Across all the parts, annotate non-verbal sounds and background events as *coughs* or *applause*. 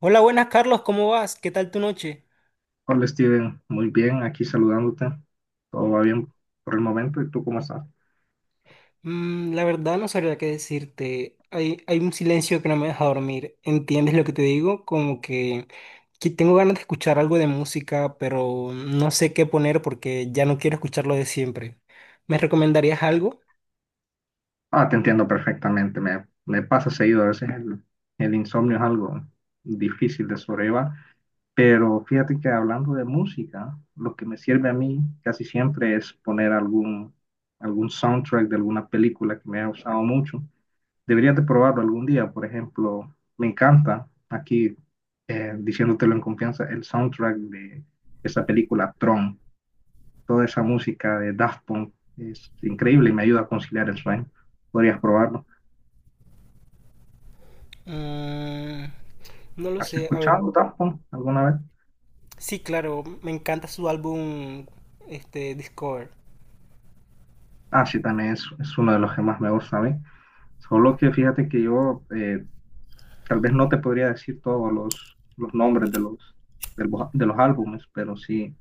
Hola, buenas Carlos, ¿cómo vas? ¿Qué tal tu noche? Hola Steven, muy bien, aquí saludándote. Todo va bien por el momento. ¿Y tú cómo estás? La verdad no sabría qué decirte. Hay un silencio que no me deja dormir. ¿Entiendes lo que te digo? Como que tengo ganas de escuchar algo de música, pero no sé qué poner porque ya no quiero escuchar lo de siempre. ¿Me recomendarías algo? Ah, te entiendo perfectamente. Me pasa seguido. A veces el insomnio es algo difícil de sobrellevar. Pero fíjate que hablando de música, lo que me sirve a mí casi siempre es poner algún soundtrack de alguna película que me ha gustado mucho. Deberías de probarlo algún día. Por ejemplo, me encanta aquí diciéndotelo en confianza el soundtrack de esa película Tron. Toda esa música de Daft Punk es increíble y me ayuda a conciliar el sueño. Podrías probarlo. Mm, no lo ¿Has sé. A ver, escuchado Daft Punk alguna vez? sí, claro, me encanta su álbum, este, Discover. Ah, sí, también es uno de los que más me gusta a mí. Solo que fíjate que yo tal vez no te podría decir todos los nombres de de los álbumes, pero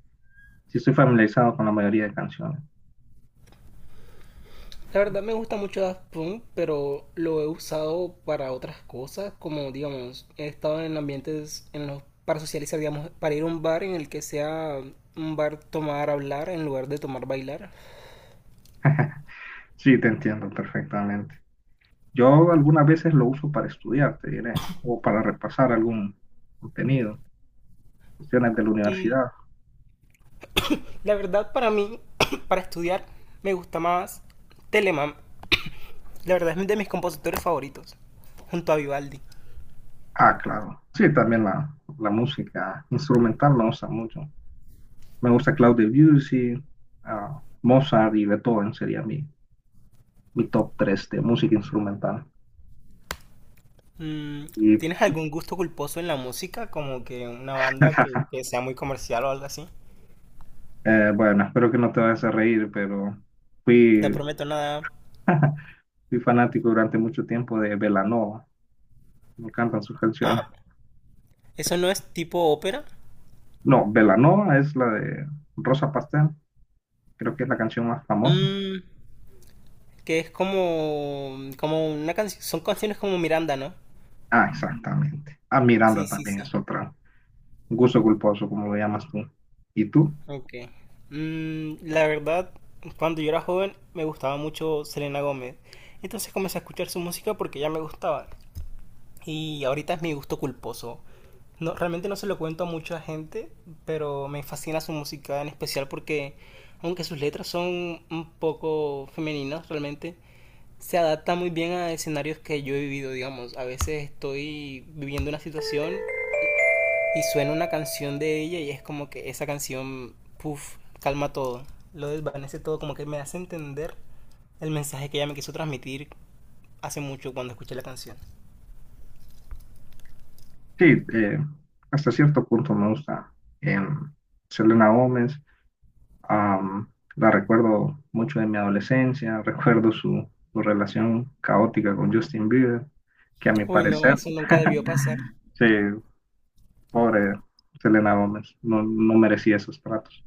sí estoy familiarizado con la mayoría de canciones. La verdad me gusta mucho Daft Punk, pero lo he usado para otras cosas, como digamos, he estado en ambientes en los para socializar, digamos, para ir a un bar en el que sea un bar tomar hablar en lugar de tomar bailar. *laughs* Sí, te entiendo perfectamente. Yo algunas veces lo uso para estudiar, te diré, o para repasar algún contenido, cuestiones de la Y universidad. la verdad para mí, *clears throat* para estudiar, me gusta más Telemann. La verdad es de mis compositores favoritos, junto a Vivaldi. Ah, claro. Sí, también la música instrumental me gusta mucho. Me gusta Claude Debussy, ah, Mozart y Beethoven sería mi top 3 de música instrumental. Mm, Y ¿tienes algún gusto culposo en la música? Como que una banda que *laughs* sea muy comercial o algo así. Bueno, espero que no te vayas a reír, pero No fui, prometo nada. *laughs* fui fanático durante mucho tiempo de Belanova. Me encantan sus canciones. ¿Eso no es tipo ópera? No, Belanova es la de Rosa Pastel. Creo que es la canción más famosa. Mm, que es como, como una canción, son canciones como Miranda, ¿no? Ah, exactamente. Ah, Sí, Miranda sí, también es sí. otra. Gusto culposo, como lo llamas tú. ¿Y tú? Ok. La verdad, cuando yo era joven me gustaba mucho Selena Gómez. Entonces comencé a escuchar su música porque ya me gustaba. Y ahorita es mi gusto culposo. No, realmente no se lo cuento a mucha gente, pero me fascina su música en especial porque aunque sus letras son un poco femeninas realmente, se adapta muy bien a escenarios que yo he vivido, digamos. A veces estoy viviendo una situación y suena una canción de ella y es como que esa canción, puff, calma todo, lo desvanece todo, como que me hace entender el mensaje que ella me quiso transmitir hace mucho cuando escuché la canción. Sí, eh, hasta cierto punto me gusta em, Selena Gómez. am, la recuerdo mucho de mi adolescencia, *laughs* recuerdo su relación caótica con Justin Bieber, que a mi Uy, no, parecer, eso nunca debió pasar. sí, pobre Selena Gómez, no merecía esos tratos.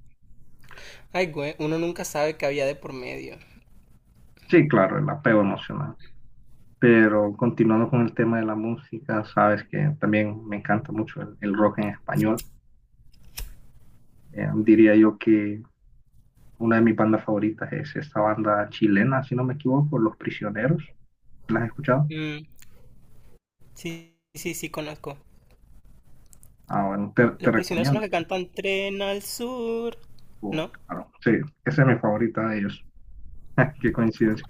Ay, güey, uno nunca sabe qué había de por medio. Sí, claro, el apego emocional. Pero continuando con el tema de la música, sabes que también me encanta mucho el rock en español. Diría yo que una de mis bandas favoritas es esta banda chilena, si no me equivoco, Los Prisioneros. ¿Las has escuchado? Mm, sí, sí, sí, conozco. Ah, bueno, te Los prisioneros son recomiendo. los que Ya. cantan Tren al Sur, Oh, ¿no? claro. Sí, esa es mi favorita de ellos. *laughs* Qué coincidencia.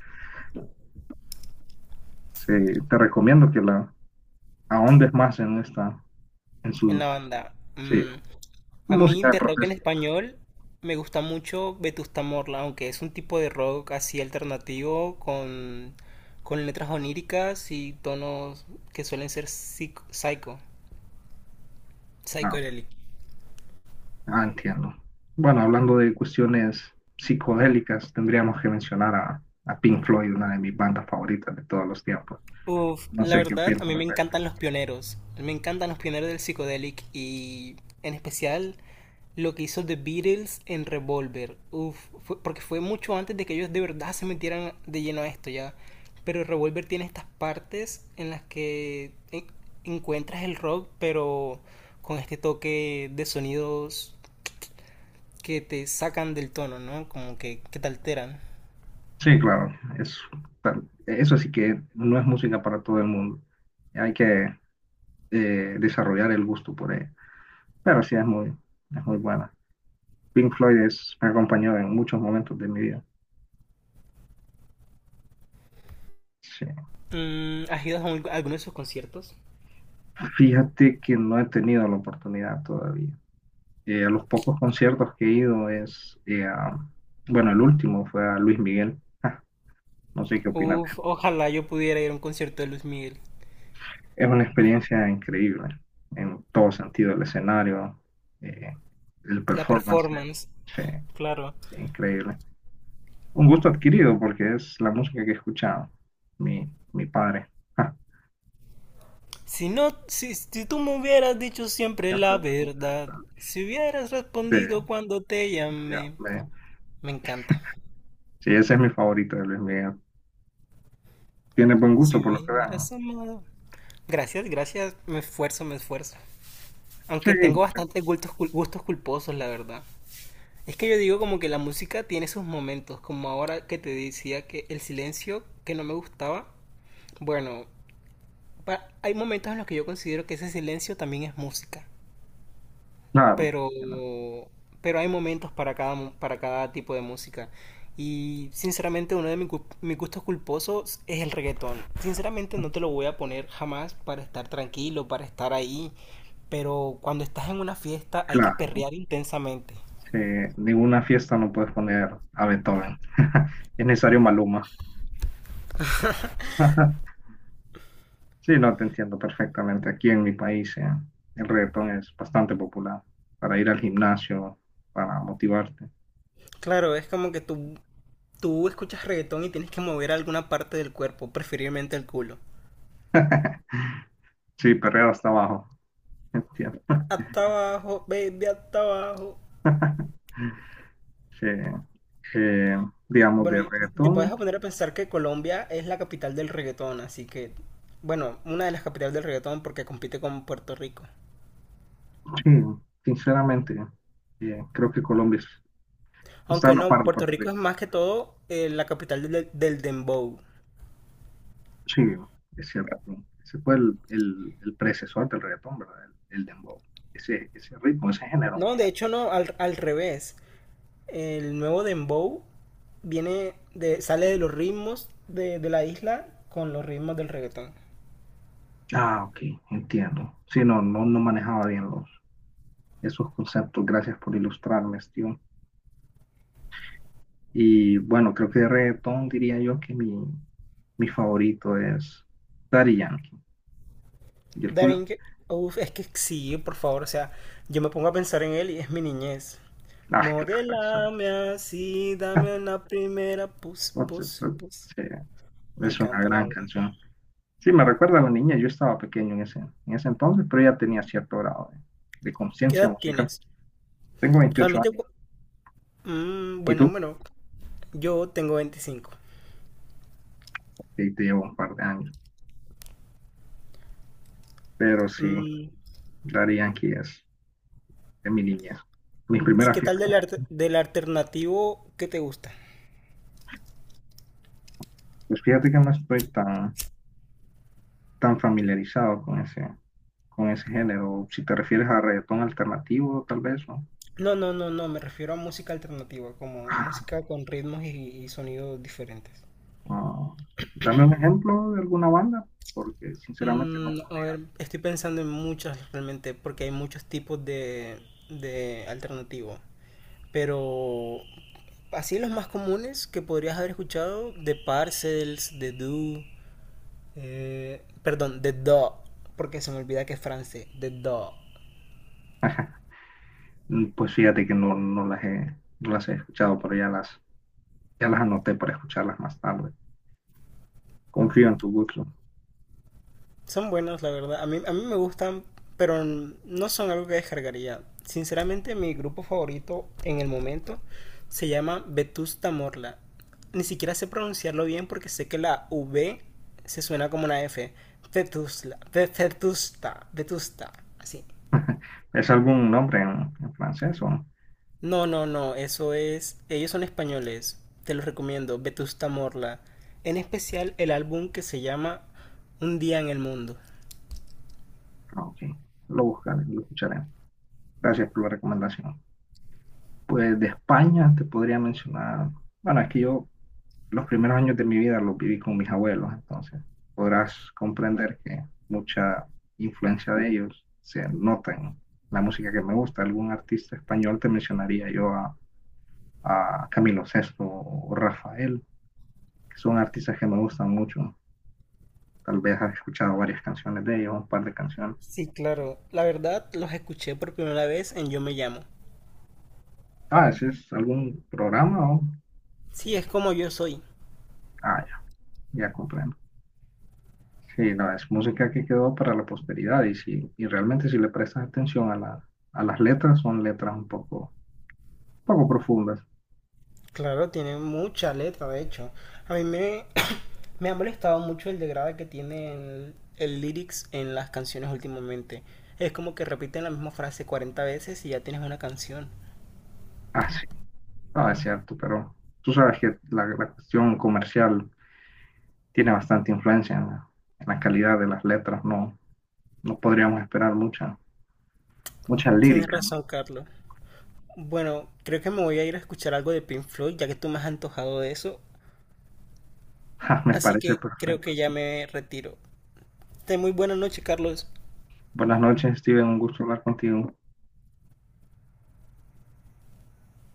Sí, te recomiendo que la ahondes más en esta, en En la sus, banda. sí, Mm, a mí música de de rock en protesta. español me gusta mucho Vetusta Morla, aunque es un tipo de rock así alternativo con letras oníricas y tonos que suelen ser psycho, No, psicodélicos. ah, entiendo. Bueno, hablando de cuestiones psicodélicas, tendríamos que mencionar a Pink Floyd, una de mis bandas favoritas de todos los tiempos. Uf, No la sé qué verdad, opinas a al mí me respecto. encantan los pioneros. Me encantan los pioneros del psicodelic y en especial lo que hizo The Beatles en Revolver. Uf, porque fue mucho antes de que ellos de verdad se metieran de lleno a esto ya. Pero Revolver tiene estas partes en las que encuentras el rock, pero con este toque de sonidos que te sacan del tono, ¿no? Como que te alteran. Sí, claro, eso sí que no es música para todo el mundo. Hay que desarrollar el gusto por ella. Pero sí, es muy buena. Me ha acompañado en muchos momentos de mi vida. Sí. Mm, ¿has ido a alguno de sus conciertos? Fíjate que no he tenido la oportunidad todavía. A los pocos conciertos que he ido es, bueno, el último fue a Luis Miguel. Ah, no sé qué opinas. Uf, ojalá yo pudiera ir a un concierto de Luis Miguel. Es una experiencia increíble en todo sentido, el escenario, eh, el La performance, performance. sí, Claro. increíble. Un gusto adquirido porque es la música que escuchaba mi padre. Ja, Si no, si, si tú me hubieras dicho siempre siempre la me verdad, conecta. si hubieras Sí, respondido cuando te ya, llamé, me encanta. sí, ese es mi favorito de Luis Miguel. Tiene buen gusto Si por lo que vean. hubieras amado. Gracias, gracias, me esfuerzo, me esfuerzo. Sí, Aunque tengo bastantes gustos, gustos culposos, la verdad. Es que yo digo como que la música tiene sus momentos, como ahora que te decía que el silencio que no me gustaba, bueno, hay momentos en los que yo considero que ese silencio también es música, claro, pero, ¿no? pero hay momentos para cada, para cada tipo de música. Y sinceramente uno de mis, mis gustos culposos es el reggaetón. Sinceramente no te lo voy a poner jamás para estar tranquilo, para estar ahí, pero cuando estás en una fiesta hay que Claro. perrear intensamente. Sí, ninguna fiesta no puedes poner a Beethoven. *laughs* Es necesario Maluma. *laughs* Sí, no te entiendo perfectamente. Aquí en mi país, el reggaetón es bastante popular para ir al gimnasio, para motivarte. Claro, es como que tú escuchas reggaetón y tienes que mover alguna parte del cuerpo, preferiblemente el culo. *laughs* Sí, perreo hasta abajo. Entiendo. Hasta abajo, baby, hasta abajo. *laughs* Sí, eh, digamos, Bueno, de y te puedes reggaetón, poner a pensar que Colombia es la capital del reggaetón, así que, bueno, una de las capitales del reggaetón porque compite con Puerto Rico. sí, sinceramente, creo que está a Aunque la no, par de Puerto Puerto Rico Rico. es más que todo la capital del, del dembow. Sí, es cierto. Ese fue el predecesor del reggaetón, ¿verdad? El dembow. Ese ritmo, ese género. No, de hecho no, al, al revés. El nuevo dembow viene de, sale de los ritmos de la isla con los ritmos del reggaetón. Ah, ok, entiendo. Sí, no, no, no manejaba bien esos conceptos. Gracias por ilustrarme, Steve. Y bueno, creo que de reggaetón diría yo que mi favorito es Daddy Yankee. ¿Y el tuyo? Daring, uf, es que sí, por favor, o sea, yo me pongo a pensar en él y es mi niñez. Ah, *laughs* claro, exacto. Modélame así, dame una primera pus, Por pus, supuesto, pus. sí, Me es una encanta, la gran verdad. canción. Sí, me recuerda a la niña, yo estaba pequeño en ese entonces, pero ya tenía cierto grado de ¿Qué conciencia edad musical. tienes? Tengo 28 Realmente, años, mm, ¿y buen tú? número. Yo tengo 25. Sí, te llevo un par de años, pero sí, Mm, Daddy Yankee es de mi niñez, mis ¿y primeras qué tal fiestas. del, del alternativo que te gusta? Pues fíjate que no estoy tan familiarizado con con ese género. Si te refieres a reggaetón alternativo, tal vez, ¿no? No, no, no, no, me refiero a música alternativa, como Ah, música con ritmos y sonidos diferentes. no. Dame un ejemplo de alguna banda, porque sinceramente no Mm, a podría. ver, estoy pensando en muchas realmente, porque hay muchos tipos de alternativo. Pero así los más comunes que podrías haber escuchado, de Parcels, de Do, perdón, de Do, porque se me olvida que es francés, de Do. *laughs* Mm, pues fíjate que no las no las he escuchado, pero ya ya las anoté para escucharlas más tarde. Confío en tu gusto. Son buenas, la verdad. A mí me gustan, pero no son algo que descargaría. Sinceramente, mi grupo favorito en el momento se llama Vetusta Morla. Ni siquiera sé pronunciarlo bien porque sé que la V se suena como una F. Vetusla, Vetusta, Vetusta, así. ¿Es algún nombre en francés o no? No, no, no, eso es. Ellos son españoles. Te los recomiendo, Vetusta Morla. En especial el álbum que se llama Un día en el mundo. Ah, ok. Lo buscaré, lo escucharé. Gracias por la recomendación. Pues de España te podría mencionar, bueno, es que yo los primeros años de mi vida los viví con mis abuelos, entonces podrás comprender que mucha influencia de ellos se nota en la música que me gusta. Algún artista español te mencionaría yo a Camilo Sesto o Rafael, que son artistas que me gustan mucho. Tal vez has escuchado varias canciones de ellos, un par de canciones. Sí, claro. La verdad, los escuché por primera vez en Yo me llamo. Ah, ese es algún programa o... Sí, es como yo soy. Ah, ya, ya comprendo. Sí, no, es música que quedó para la posteridad y, si, y realmente si le prestas atención a, a las letras, son letras un poco, poco profundas. Claro, tiene mucha letra, de hecho. A mí me, *coughs* *clears throat* me ha molestado mucho el degrade que tiene el lyrics en las canciones últimamente. Es como que repiten la misma frase 40 veces y ya tienes una canción. Ah, sí, ah es cierto, pero tú sabes que la cuestión comercial tiene bastante influencia en en la calidad de las letras, no, no podríamos esperar mucha Tienes lírica, ¿no? razón, Carlos. Bueno, creo que me voy a ir a escuchar algo de Pink Floyd, ya que tú me has antojado de eso. *laughs* Me Así parece que creo perfecto. que ya Sí. me retiro. Ten muy buena noche, Carlos. Buenas noches, Steven, un gusto hablar contigo.